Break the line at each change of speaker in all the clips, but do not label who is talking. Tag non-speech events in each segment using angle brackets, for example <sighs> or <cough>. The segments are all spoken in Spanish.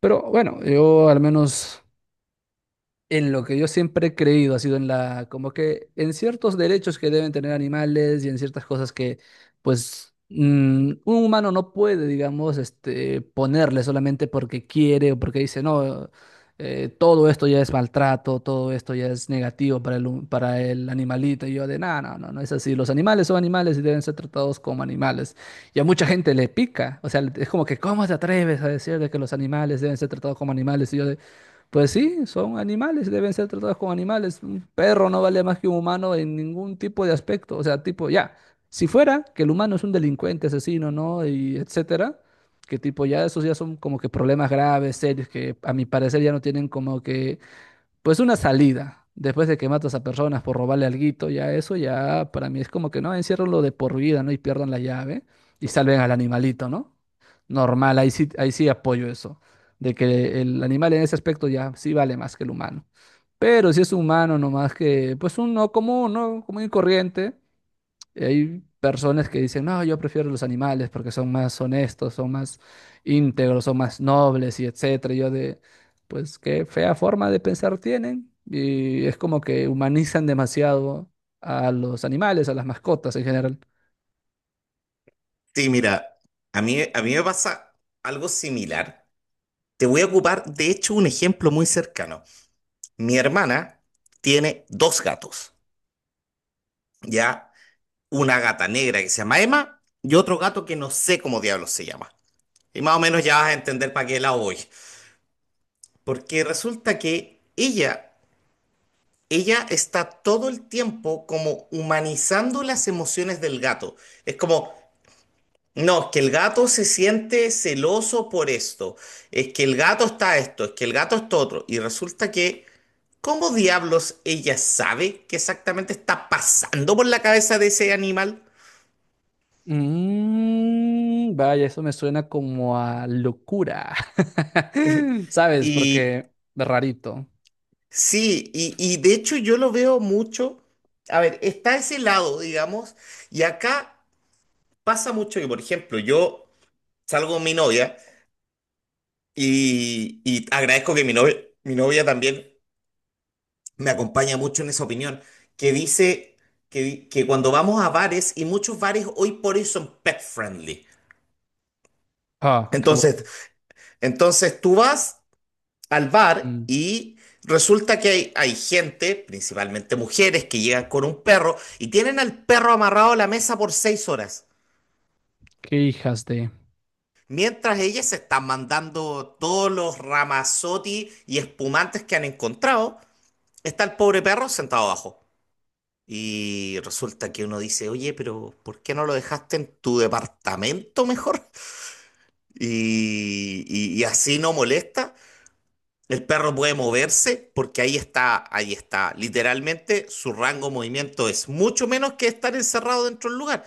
Pero bueno, yo al menos en lo que yo siempre he creído ha sido en la, como que en ciertos derechos que deben tener animales y en ciertas cosas que, pues, un humano no puede, digamos, este, ponerle solamente porque quiere o porque dice, no, todo esto ya es maltrato, todo esto ya es negativo para para el animalito. Y yo de, no, no, no, no es así. Los animales son animales y deben ser tratados como animales. Y a mucha gente le pica, o sea, es como que, ¿cómo te atreves a decir de que los animales deben ser tratados como animales? Y yo de, pues sí, son animales, deben ser tratados como animales. Un perro no vale más que un humano en ningún tipo de aspecto. O sea, tipo, ya, si fuera que el humano es un delincuente, asesino, ¿no? Y etcétera, que tipo, ya esos ya son como que problemas graves, serios, que a mi parecer ya no tienen como que pues una salida. Después de que matas a personas por robarle alguito, ya eso ya para mí es como que no, enciérrenlo de por vida, ¿no? Y pierdan la llave y salven al animalito, ¿no? Normal, ahí sí apoyo eso, de que el animal en ese aspecto ya sí vale más que el humano. Pero si es humano nomás que, pues un no común, ¿no? Común y corriente, y hay personas que dicen, no, yo prefiero los animales porque son más honestos, son más íntegros, son más nobles y etcétera. Y yo de, pues qué fea forma de pensar tienen. Y es como que humanizan demasiado a los animales, a las mascotas en general.
Sí, mira, a mí me pasa algo similar. Te voy a ocupar, de hecho, un ejemplo muy cercano. Mi hermana tiene dos gatos, ¿ya? Una gata negra que se llama Emma y otro gato que no sé cómo diablos se llama. Y más o menos ya vas a entender para qué la voy. Porque resulta que ella está todo el tiempo como humanizando las emociones del gato. Es como, no, es que el gato se siente celoso por esto. Es que el gato está esto, es que el gato está otro. Y resulta que, ¿cómo diablos ella sabe qué exactamente está pasando por la cabeza de ese animal?
Mm, vaya, eso me suena como a locura. <laughs> ¿Sabes?
Y
Porque de rarito.
sí, y de hecho yo lo veo mucho. A ver, está ese lado, digamos, y acá pasa mucho que, por ejemplo, yo salgo con mi novia y agradezco que mi novia también me acompaña mucho en esa opinión, que dice que, que cuando vamos a bares, y muchos bares hoy por hoy son pet friendly.
Ah, qué
Entonces,
aburrido.
entonces tú vas al bar
Mm,
y resulta que hay gente, principalmente mujeres, que llegan con un perro y tienen al perro amarrado a la mesa por 6 horas.
qué hijas de.
Mientras ellas se están mandando todos los ramazotti y espumantes que han encontrado, está el pobre perro sentado abajo. Y resulta que uno dice, oye, pero ¿por qué no lo dejaste en tu departamento mejor? <laughs> Y, y así no molesta. El perro puede moverse porque ahí está, ahí está. Literalmente su rango de movimiento es mucho menos que estar encerrado dentro del lugar.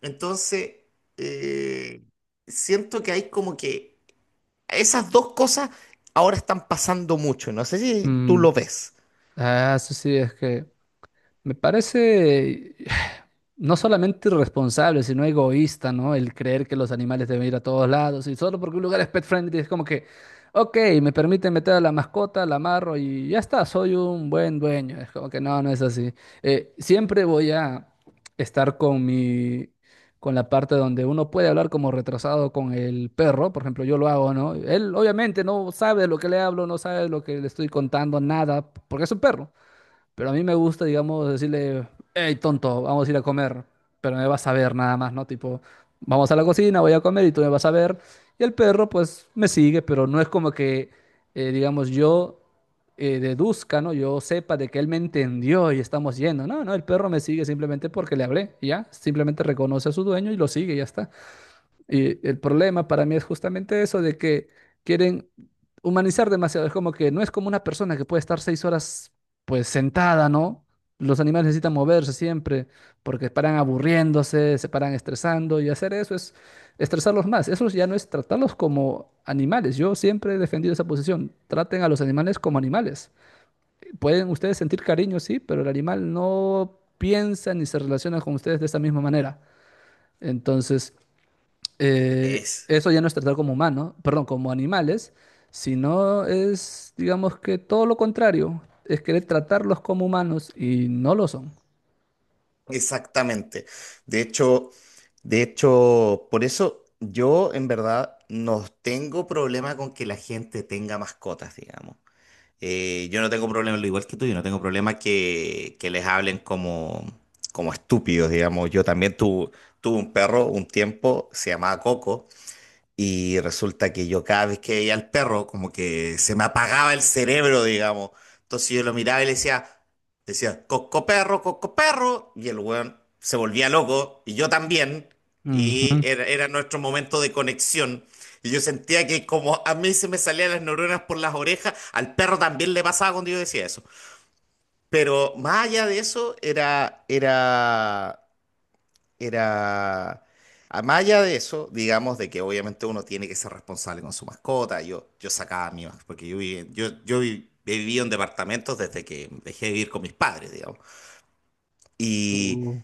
Entonces, eh, siento que hay como que esas dos cosas ahora están pasando mucho. No sé si tú
Mm,
lo ves.
ah, eso sí, es que. Me parece <sighs> no solamente irresponsable, sino egoísta, ¿no? El creer que los animales deben ir a todos lados y solo porque un lugar es pet friendly es como que, ok, me permite meter a la mascota, la amarro y ya está, soy un buen dueño. Es como que no, no es así. Siempre voy a estar con la parte donde uno puede hablar como retrasado con el perro, por ejemplo, yo lo hago, ¿no? Él obviamente no sabe de lo que le hablo, no sabe de lo que le estoy contando, nada, porque es un perro. Pero a mí me gusta, digamos, decirle, hey, tonto, vamos a ir a comer, pero me vas a ver nada más, ¿no? Tipo, vamos a la cocina, voy a comer y tú me vas a ver. Y el perro, pues, me sigue, pero no es como que, digamos, yo deduzca, ¿no? Yo sepa de que él me entendió y estamos yendo. No, no, el perro me sigue simplemente porque le hablé, y ya. Simplemente reconoce a su dueño y lo sigue, y ya está. Y el problema para mí es justamente eso de que quieren humanizar demasiado. Es como que no es como una persona que puede estar 6 horas pues sentada, ¿no? Los animales necesitan moverse siempre porque paran aburriéndose, se paran estresando y hacer eso es estresarlos más. Eso ya no es tratarlos como animales. Yo siempre he defendido esa posición. Traten a los animales como animales. Pueden ustedes sentir cariño, sí, pero el animal no piensa ni se relaciona con ustedes de esa misma manera. Entonces
Es
eso ya no es tratar como humanos, perdón, como animales, sino es, digamos que todo lo contrario, es querer tratarlos como humanos y no lo son.
Exactamente. De hecho, de hecho, por eso yo en verdad no tengo problema con que la gente tenga mascotas, digamos. Yo no tengo problema, lo igual que tú, yo no tengo problema que les hablen como, como estúpidos, digamos. Yo también tuve un perro un tiempo, se llamaba Coco. Y resulta que yo cada vez que veía al perro, como que se me apagaba el cerebro, digamos. Entonces yo lo miraba y le decía, coco perro, coco perro. Y el weón se volvía loco, y yo también. Y
Ujú.
era nuestro momento de conexión. Y yo sentía que como a mí se me salían las neuronas por las orejas, al perro también le pasaba cuando yo decía eso. Pero más allá de eso, era, era era, a más allá de eso, digamos, de que obviamente uno tiene que ser responsable con su mascota, yo sacaba a mi mascota, porque yo, viví- yo vi- he vivido en departamentos desde que dejé de vivir con mis padres, digamos. Y,
Uh,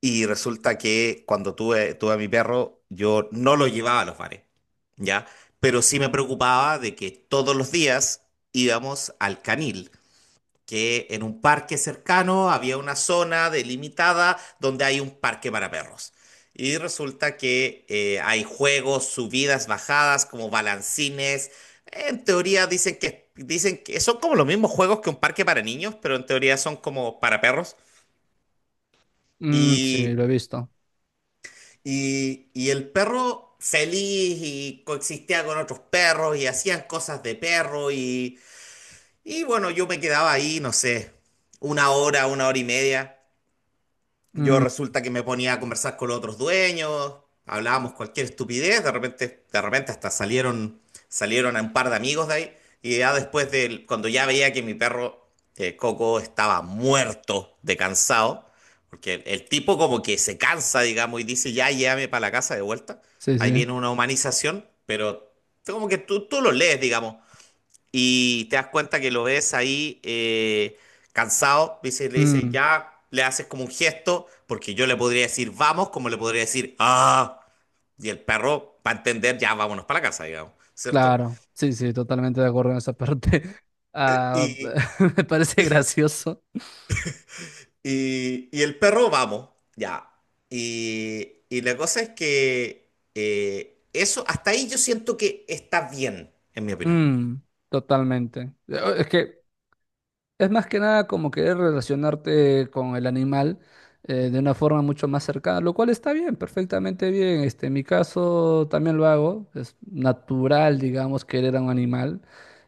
y resulta que cuando tuve a mi perro, yo no lo llevaba a los bares, ¿ya? Pero sí me preocupaba de que todos los días íbamos al canil que en un parque cercano había una zona delimitada donde hay un parque para perros. Y resulta que hay juegos, subidas, bajadas, como balancines. En teoría dicen que son como los mismos juegos que un parque para niños, pero en teoría son como para perros.
Mm, sí,
Y,
lo he visto.
y el perro feliz y coexistía con otros perros y hacían cosas de perro y bueno, yo me quedaba ahí, no sé, una hora y media. Yo
Mm,
resulta que me ponía a conversar con los otros dueños, hablábamos cualquier estupidez, de repente hasta salieron a un par de amigos de ahí, y ya después de, cuando ya veía que mi perro Coco estaba muerto de cansado, porque el tipo como que se cansa, digamos, y dice, ya llévame para la casa de vuelta,
sí,
ahí
sí.
viene una humanización, pero como que tú lo lees, digamos, y te das cuenta que lo ves ahí cansado, dice, le dice,
Mm,
ya, le haces como un gesto, porque yo le podría decir vamos, como le podría decir ah, y el perro va a entender, ya, vámonos para la casa, digamos, ¿cierto?
claro. Sí, sí, totalmente de acuerdo en esa parte. <laughs> Ah,
Y,
<laughs> me parece gracioso.
y el perro, vamos, ya. Y la cosa es que eso, hasta ahí yo siento que está bien, en mi opinión.
Mm, totalmente. Es más que nada como querer relacionarte con el animal de una forma mucho más cercana, lo cual está bien, perfectamente bien. Este, en mi caso también lo hago, es natural, digamos, querer a un animal,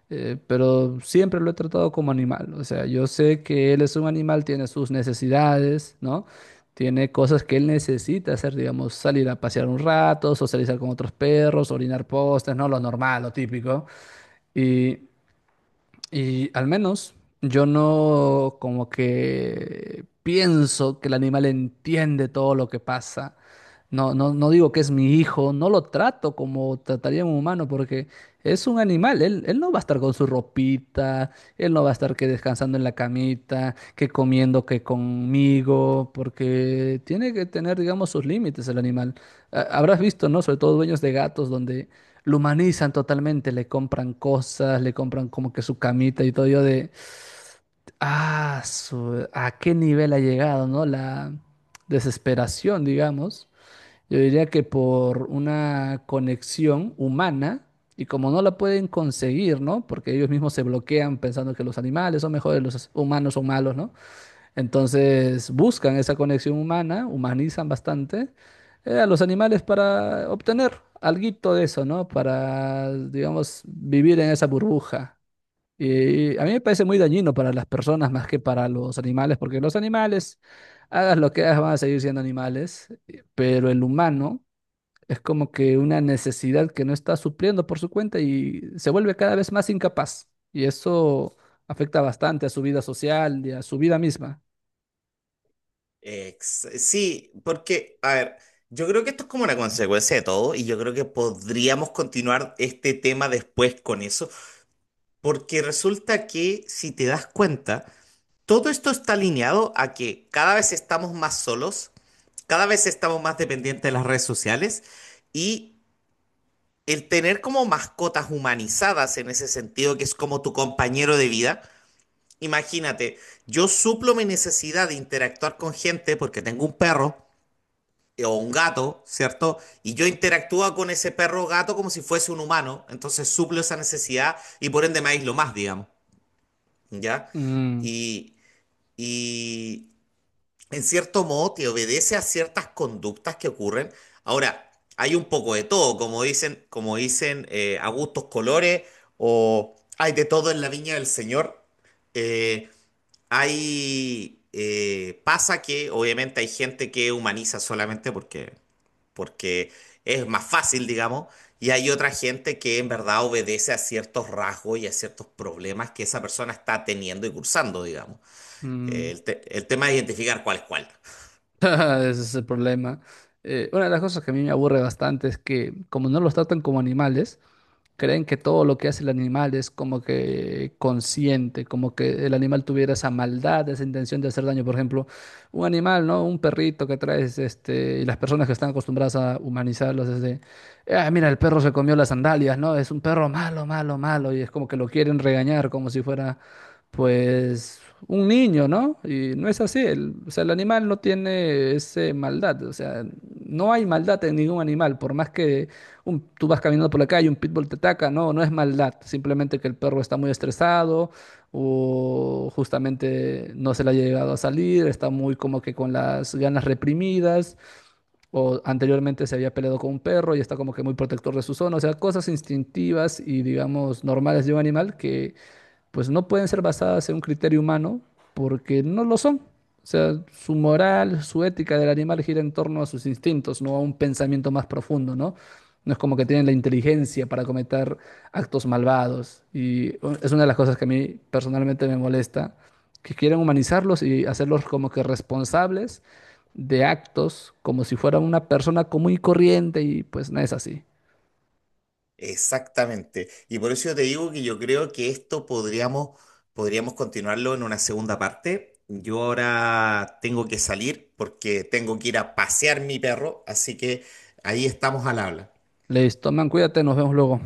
pero siempre lo he tratado como animal. O sea, yo sé que él es un animal, tiene sus necesidades, ¿no? Tiene cosas que él necesita hacer, digamos, salir a pasear un rato, socializar con otros perros, orinar postes, ¿no? Lo normal, lo típico. Y al menos yo no como que pienso que el animal entiende todo lo que pasa. No, no, no digo que es mi hijo, no lo trato como trataría a un humano porque es un animal. Él no va a estar con su ropita, él no va a estar que descansando en la camita, que comiendo que conmigo, porque tiene que tener, digamos, sus límites el animal. Ah, habrás visto, ¿no? Sobre todo dueños de gatos donde lo humanizan totalmente, le compran cosas, le compran como que su camita y todo yo de, ¿a qué nivel ha llegado, ¿no? La desesperación, digamos. Yo diría que por una conexión humana y como no la pueden conseguir, ¿no? Porque ellos mismos se bloquean pensando que los animales son mejores, los humanos son malos, ¿no? Entonces buscan esa conexión humana, humanizan bastante a los animales para obtener alguito de eso, ¿no? Para, digamos, vivir en esa burbuja. Y a mí me parece muy dañino para las personas más que para los animales, porque los animales, hagas lo que hagas, van a seguir siendo animales, pero el humano es como que una necesidad que no está supliendo por su cuenta y se vuelve cada vez más incapaz. Y eso afecta bastante a su vida social y a su vida misma.
Sí, porque, a ver, yo creo que esto es como una consecuencia de todo y yo creo que podríamos continuar este tema después con eso, porque resulta que si te das cuenta, todo esto está alineado a que cada vez estamos más solos, cada vez estamos más dependientes de las redes sociales y el tener como mascotas humanizadas en ese sentido, que es como tu compañero de vida. Imagínate, yo suplo mi necesidad de interactuar con gente porque tengo un perro o un gato, ¿cierto? Y yo interactúo con ese perro o gato como si fuese un humano, entonces suplo esa necesidad y por ende me aíslo más, digamos, ¿ya?
Mm,
Y, y en cierto modo te obedece a ciertas conductas que ocurren. Ahora, hay un poco de todo, como dicen a gustos colores o hay de todo en la viña del Señor. Eh, hay... pasa que obviamente hay gente que humaniza solamente porque es más fácil, digamos, y hay otra gente que en verdad obedece a ciertos rasgos y a ciertos problemas que esa persona está teniendo y cursando, digamos.
mm. <laughs>
El tema es identificar cuál es cuál.
Ese es el problema. Una de las cosas que a mí me aburre bastante es que como no los tratan como animales, creen que todo lo que hace el animal es como que consciente, como que el animal tuviera esa maldad, esa intención de hacer daño. Por ejemplo, un animal, ¿no? Un perrito que traes, este, y las personas que están acostumbradas a humanizarlos es de, ah, mira, el perro se comió las sandalias, ¿no? Es un perro malo, malo, malo, y es como que lo quieren regañar como si fuera, pues, un niño, ¿no? Y no es así, o sea, el animal no tiene esa maldad, o sea, no hay maldad en ningún animal, por más que tú vas caminando por la calle, un pitbull te ataca, no, no es maldad, simplemente que el perro está muy estresado o justamente no se le ha llegado a salir, está muy como que con las ganas reprimidas o anteriormente se había peleado con un perro y está como que muy protector de su zona, o sea, cosas instintivas y digamos normales de un animal que pues no pueden ser basadas en un criterio humano porque no lo son. O sea, su moral, su ética del animal gira en torno a sus instintos, no a un pensamiento más profundo, ¿no? No es como que tienen la inteligencia para cometer actos malvados. Y es una de las cosas que a mí personalmente me molesta, que quieren humanizarlos y hacerlos como que responsables de actos, como si fuera una persona común y corriente, y pues no es así.
Exactamente. Y por eso yo te digo que yo creo que esto podríamos continuarlo en una segunda parte. Yo ahora tengo que salir porque tengo que ir a pasear mi perro, así que ahí estamos al habla.
Les toman, cuídate, nos vemos luego.